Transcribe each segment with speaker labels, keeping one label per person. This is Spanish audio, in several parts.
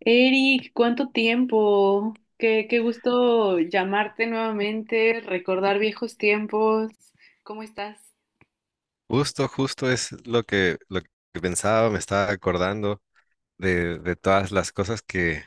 Speaker 1: Eric, ¿cuánto tiempo? Qué gusto llamarte nuevamente, recordar viejos tiempos. ¿Cómo estás?
Speaker 2: Justo es lo que pensaba, me estaba acordando de todas las cosas que,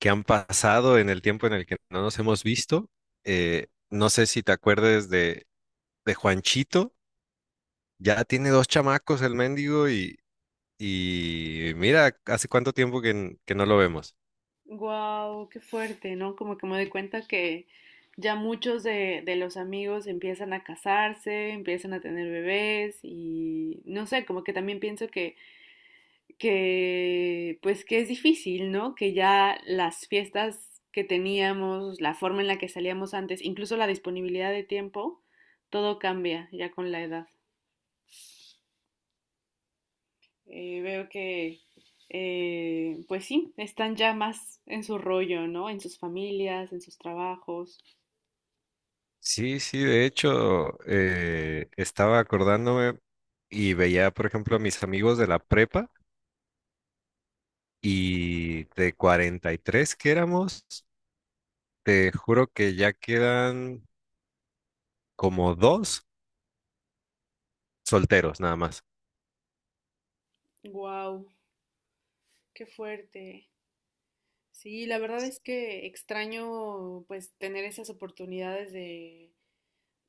Speaker 2: que han pasado en el tiempo en el que no nos hemos visto. No sé si te acuerdes de Juanchito, ya tiene dos chamacos el mendigo y mira, hace cuánto tiempo que no lo vemos.
Speaker 1: Wow, qué fuerte, ¿no? Como que me doy cuenta que ya muchos de los amigos empiezan a casarse, empiezan a tener bebés y no sé, como que también pienso que pues que es difícil, ¿no? Que ya las fiestas que teníamos, la forma en la que salíamos antes, incluso la disponibilidad de tiempo, todo cambia ya con la edad. Veo que pues sí, están ya más en su rollo, ¿no? En sus familias, en sus trabajos.
Speaker 2: Sí, sí, de hecho, estaba acordándome y veía, por ejemplo, a mis amigos de la prepa y de 43 que éramos. Te juro que ya quedan como dos solteros nada más.
Speaker 1: Wow, qué fuerte. Sí, la verdad es que extraño pues tener esas oportunidades de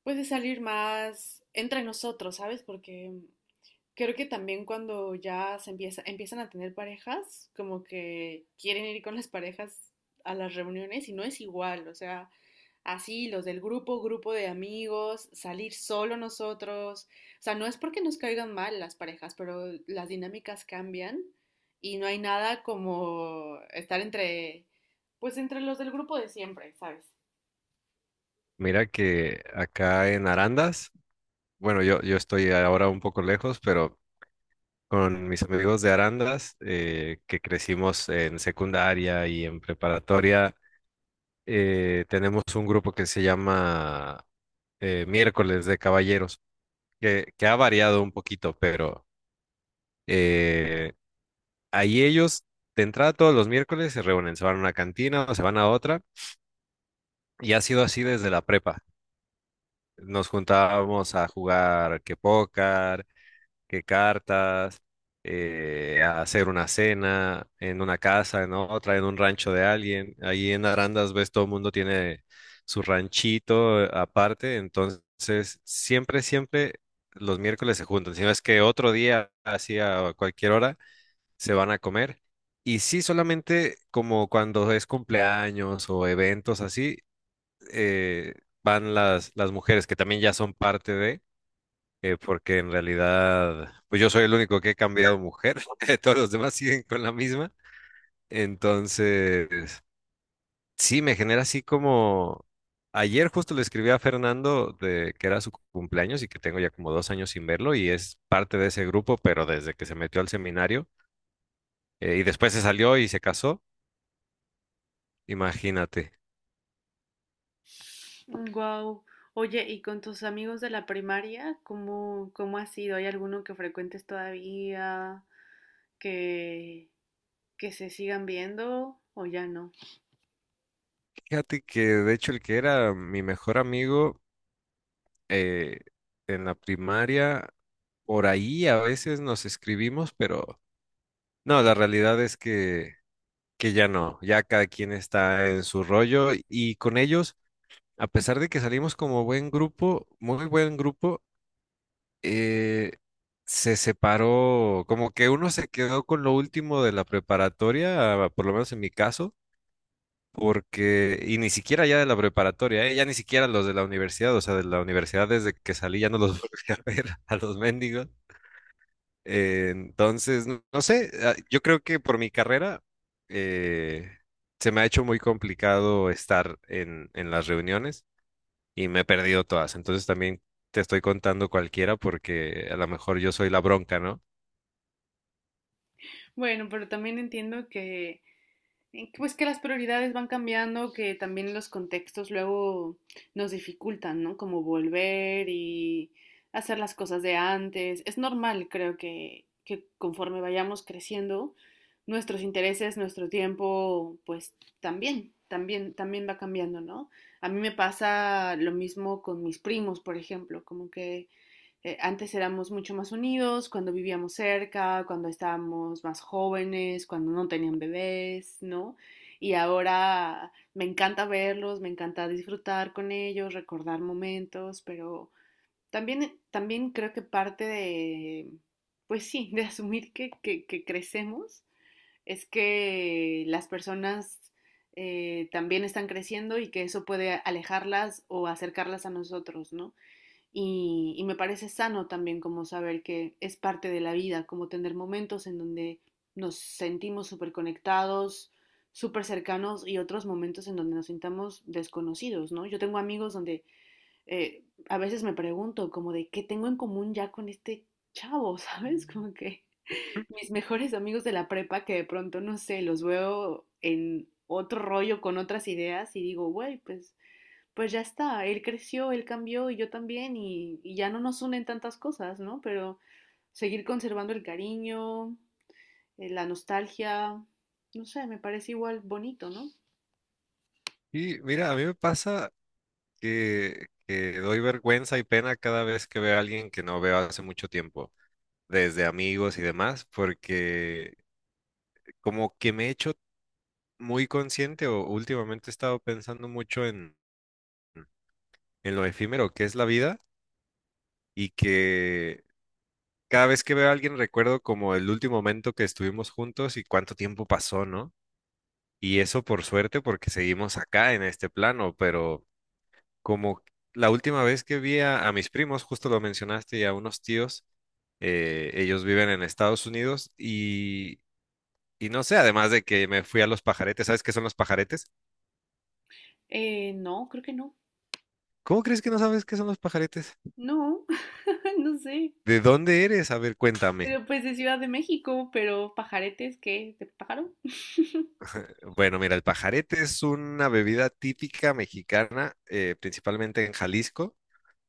Speaker 1: pues de salir más entre nosotros, ¿sabes? Porque creo que también cuando ya se empieza, empiezan a tener parejas, como que quieren ir con las parejas a las reuniones y no es igual, o sea, así los del grupo, grupo de amigos, salir solo nosotros, o sea, no es porque nos caigan mal las parejas, pero las dinámicas cambian y no hay nada como estar entre, pues entre los del grupo de siempre, ¿sabes?
Speaker 2: Mira que acá en Arandas, bueno, yo estoy ahora un poco lejos, pero con mis amigos de Arandas, que crecimos en secundaria y en preparatoria, tenemos un grupo que se llama Miércoles de Caballeros, que ha variado un poquito, pero eh, ahí ellos de entrada todos los miércoles se reúnen, se van a una cantina o se van a otra. Y ha sido así desde la prepa. Nos juntábamos a jugar que póker, que cartas, a hacer una cena en una casa, en otra, en un rancho de alguien. Ahí en Arandas, ves, todo el mundo tiene su ranchito aparte. Entonces, siempre, siempre los miércoles se juntan. Si no es que otro día, así a cualquier hora, se van a comer. Y sí, solamente como cuando es cumpleaños o eventos así eh, van las mujeres, que también ya son parte de, porque en realidad, pues yo soy el único que he cambiado mujer, todos los demás siguen con la misma. Entonces, sí, me genera así como... Ayer justo le escribí a Fernando de que era su cumpleaños y que tengo ya como 2 años sin verlo y es parte de ese grupo, pero desde que se metió al seminario y después se salió y se casó, imagínate.
Speaker 1: Wow. Oye, ¿y con tus amigos de la primaria, cómo ha sido? ¿Hay alguno que frecuentes todavía, que, que se sigan viendo o ya no?
Speaker 2: Fíjate que de hecho el que era mi mejor amigo eh, en la primaria, por ahí a veces nos escribimos, pero no, la realidad es que ya no, ya cada quien está en su rollo y con ellos, a pesar de que salimos como buen grupo, muy buen grupo, eh, se separó, como que uno se quedó con lo último de la preparatoria, por lo menos en mi caso. Porque, y ni siquiera ya de la preparatoria, ¿eh? Ya ni siquiera los de la universidad, o sea, de la universidad desde que salí ya no los volví a ver a los mendigos. Entonces, no, no sé, ah, yo creo que por mi carrera eh, se me ha hecho muy complicado estar en las reuniones y me he perdido todas. Entonces también te estoy contando cualquiera porque a lo mejor yo soy la bronca, ¿no?
Speaker 1: Bueno, pero también entiendo que pues que las prioridades van cambiando, que también los contextos luego nos dificultan, ¿no? Como volver y hacer las cosas de antes. Es normal, creo que conforme vayamos creciendo, nuestros intereses, nuestro tiempo, pues también va cambiando, ¿no? A mí me pasa lo mismo con mis primos, por ejemplo, como que antes éramos mucho más unidos cuando vivíamos cerca, cuando estábamos más jóvenes, cuando no tenían bebés, ¿no? Y ahora me encanta verlos, me encanta disfrutar con ellos, recordar momentos, pero también creo que parte de, pues sí, de asumir que crecemos es que las personas también están creciendo y que eso puede alejarlas o acercarlas a nosotros, ¿no? Y me parece sano también como saber que es parte de la vida, como tener momentos en donde nos sentimos súper conectados, súper cercanos y otros momentos en donde nos sintamos desconocidos, ¿no? Yo tengo amigos donde a veces me pregunto como de qué tengo en común ya con este chavo, ¿sabes? Como que mis mejores amigos de la prepa que de pronto, no sé, los veo en otro rollo con otras ideas y digo, güey, pues ya está, él creció, él cambió y yo también y ya no nos unen tantas cosas, ¿no? Pero seguir conservando el cariño, la nostalgia, no sé, me parece igual bonito, ¿no?
Speaker 2: Y mira, a mí me pasa que doy vergüenza y pena cada vez que veo a alguien que no veo hace mucho tiempo, desde amigos y demás, porque como que me he hecho muy consciente o últimamente he estado pensando mucho en lo efímero que es la vida y que cada vez que veo a alguien recuerdo como el último momento que estuvimos juntos y cuánto tiempo pasó, ¿no? Y eso por suerte porque seguimos acá en este plano, pero como la última vez que vi a mis primos, justo lo mencionaste, y a unos tíos, ellos viven en Estados Unidos y... Y no sé, además de que me fui a los pajaretes, ¿sabes qué son los pajaretes?
Speaker 1: No, creo que no.
Speaker 2: ¿Cómo crees que no sabes qué son los pajaretes?
Speaker 1: No, no sé.
Speaker 2: ¿De dónde eres? A ver, cuéntame.
Speaker 1: Pero pues de Ciudad de México, pero pajaretes, ¿qué? ¿De pájaro?
Speaker 2: Bueno, mira, el pajarete es una bebida típica mexicana, principalmente en Jalisco.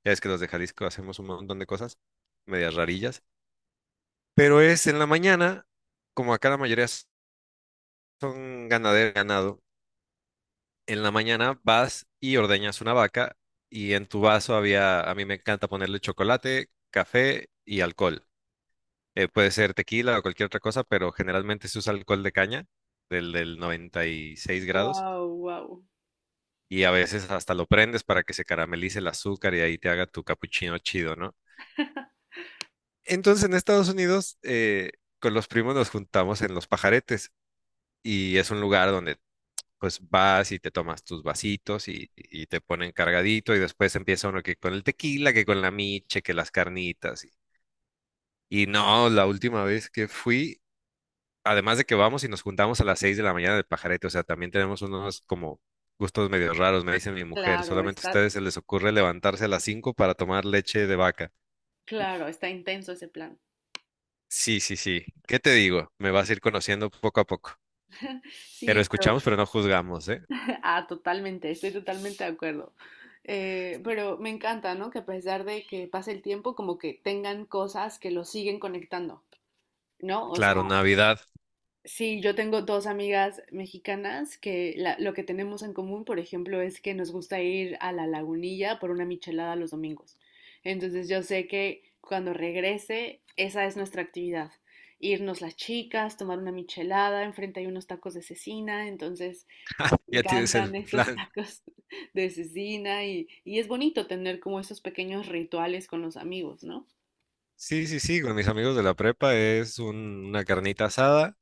Speaker 2: Ya es que los de Jalisco hacemos un montón de cosas, medias rarillas. Pero es en la mañana, como acá la mayoría son ganadero ganado, en la mañana vas y ordeñas una vaca y en tu vaso había, a mí me encanta ponerle chocolate, café y alcohol. Puede ser tequila o cualquier otra cosa, pero generalmente se usa alcohol de caña, del 96 grados,
Speaker 1: Wow, wow.
Speaker 2: y a veces hasta lo prendes para que se caramelice el azúcar y ahí te haga tu capuchino chido, ¿no? Entonces en Estados Unidos, con los primos nos juntamos en Los Pajaretes y es un lugar donde pues vas y te tomas tus vasitos y te ponen cargadito y después empieza uno que con el tequila, que con la miche, que las carnitas. Y no, la última vez que fui además de que vamos y nos juntamos a las 6 de la mañana del pajarete, o sea, también tenemos unos como gustos medio raros, me dice mi mujer,
Speaker 1: Claro,
Speaker 2: solamente a ustedes se les ocurre levantarse a las 5 para tomar leche de vaca.
Speaker 1: claro, está intenso ese plan.
Speaker 2: Sí, sí, sí. ¿Qué te digo? Me vas a ir conociendo poco a poco. Pero
Speaker 1: Sí,
Speaker 2: escuchamos,
Speaker 1: pero
Speaker 2: pero no juzgamos, ¿eh?
Speaker 1: ah, totalmente, estoy totalmente de acuerdo. Pero me encanta, ¿no? Que a pesar de que pase el tiempo, como que tengan cosas que los siguen conectando, ¿no? O sea,
Speaker 2: Claro, Navidad.
Speaker 1: sí, yo tengo dos amigas mexicanas que la- lo que tenemos en común, por ejemplo, es que nos gusta ir a la lagunilla por una michelada los domingos. Entonces yo sé que cuando regrese, esa es nuestra actividad. Irnos las chicas, tomar una michelada, enfrente hay unos tacos de cecina, entonces... me
Speaker 2: Ya tienes el
Speaker 1: encantan esos
Speaker 2: plan.
Speaker 1: tacos de cecina y es bonito tener como esos pequeños rituales con los amigos, ¿no?
Speaker 2: Sí, sí, sí, con mis amigos de la prepa es una carnita asada,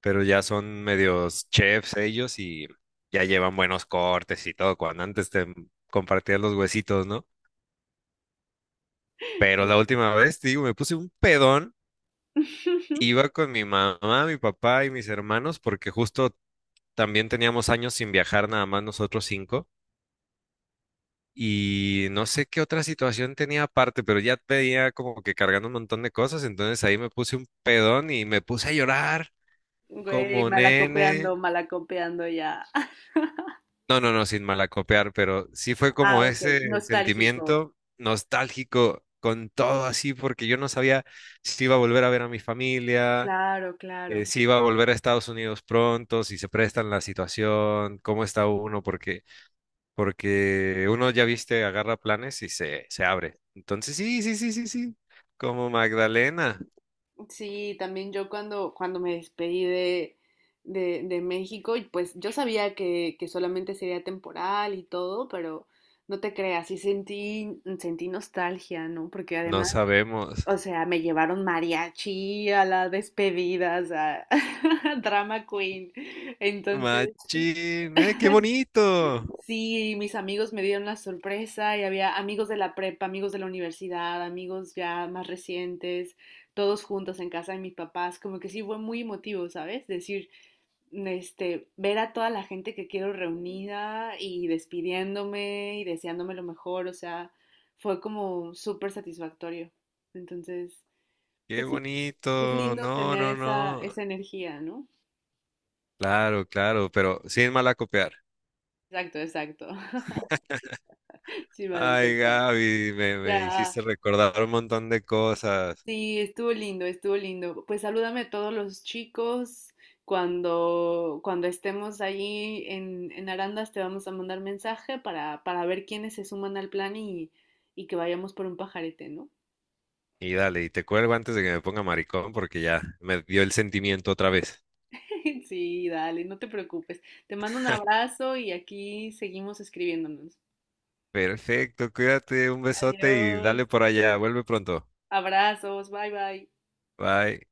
Speaker 2: pero ya son medios chefs ellos y ya llevan buenos cortes y todo, cuando antes te compartían los huesitos, ¿no? Pero
Speaker 1: Sí.
Speaker 2: la última vez, te digo, me puse un pedón, iba con mi mamá, mi papá y mis hermanos, porque justo también teníamos años sin viajar, nada más nosotros cinco. Y no sé qué otra situación tenía aparte, pero ya tenía como que cargando un montón de cosas, entonces ahí me puse un pedón y me puse a llorar
Speaker 1: Güey,
Speaker 2: como nene.
Speaker 1: malacopeando, malacopeando ya.
Speaker 2: No, no, no, sin malacopear, pero sí fue como
Speaker 1: Ah, ok,
Speaker 2: ese
Speaker 1: nostálgico.
Speaker 2: sentimiento nostálgico con todo así, porque yo no sabía si iba a volver a ver a mi familia,
Speaker 1: Claro, claro.
Speaker 2: si va a volver a Estados Unidos pronto, si se prestan la situación, cómo está uno, porque, porque uno ya viste, agarra planes y se abre. Entonces, sí, sí, sí, sí, sí. Como Magdalena,
Speaker 1: Sí, también yo cuando me despedí de México, y pues yo sabía que solamente sería temporal y todo, pero no te creas, sentí nostalgia, ¿no? Porque
Speaker 2: no
Speaker 1: además
Speaker 2: sabemos.
Speaker 1: o sea, me llevaron mariachi a la despedida, o sea, drama queen. Entonces,
Speaker 2: Machín, qué bonito,
Speaker 1: sí, mis amigos me dieron la sorpresa y había amigos de la prepa, amigos de la universidad, amigos ya más recientes, todos juntos en casa de mis papás. Como que sí fue muy emotivo, ¿sabes? Decir, este, ver a toda la gente que quiero reunida y despidiéndome y deseándome lo mejor, o sea, fue como súper satisfactorio. Entonces...
Speaker 2: qué
Speaker 1: pues sí, es
Speaker 2: bonito.
Speaker 1: lindo
Speaker 2: No,
Speaker 1: tener
Speaker 2: no,
Speaker 1: esa,
Speaker 2: no.
Speaker 1: esa energía, ¿no?
Speaker 2: Claro, claro, pero sin malacopear.
Speaker 1: Exacto, exacto. Sí, van a
Speaker 2: Ay,
Speaker 1: contar.
Speaker 2: Gaby, me
Speaker 1: Ya,
Speaker 2: hiciste recordar un montón de cosas.
Speaker 1: sí, estuvo lindo, estuvo lindo. Pues salúdame a todos los chicos. Cuando estemos allí en Arandas te vamos a mandar mensaje para ver quiénes se suman al plan y que vayamos por un pajarete, ¿no?
Speaker 2: Y dale, y te cuelgo antes de que me ponga maricón porque ya me dio el sentimiento otra vez.
Speaker 1: Sí, dale, no te preocupes. Te mando un abrazo y aquí seguimos escribiéndonos.
Speaker 2: Perfecto, cuídate, un besote y
Speaker 1: Adiós,
Speaker 2: dale por allá, vuelve pronto.
Speaker 1: abrazos, bye bye.
Speaker 2: Bye.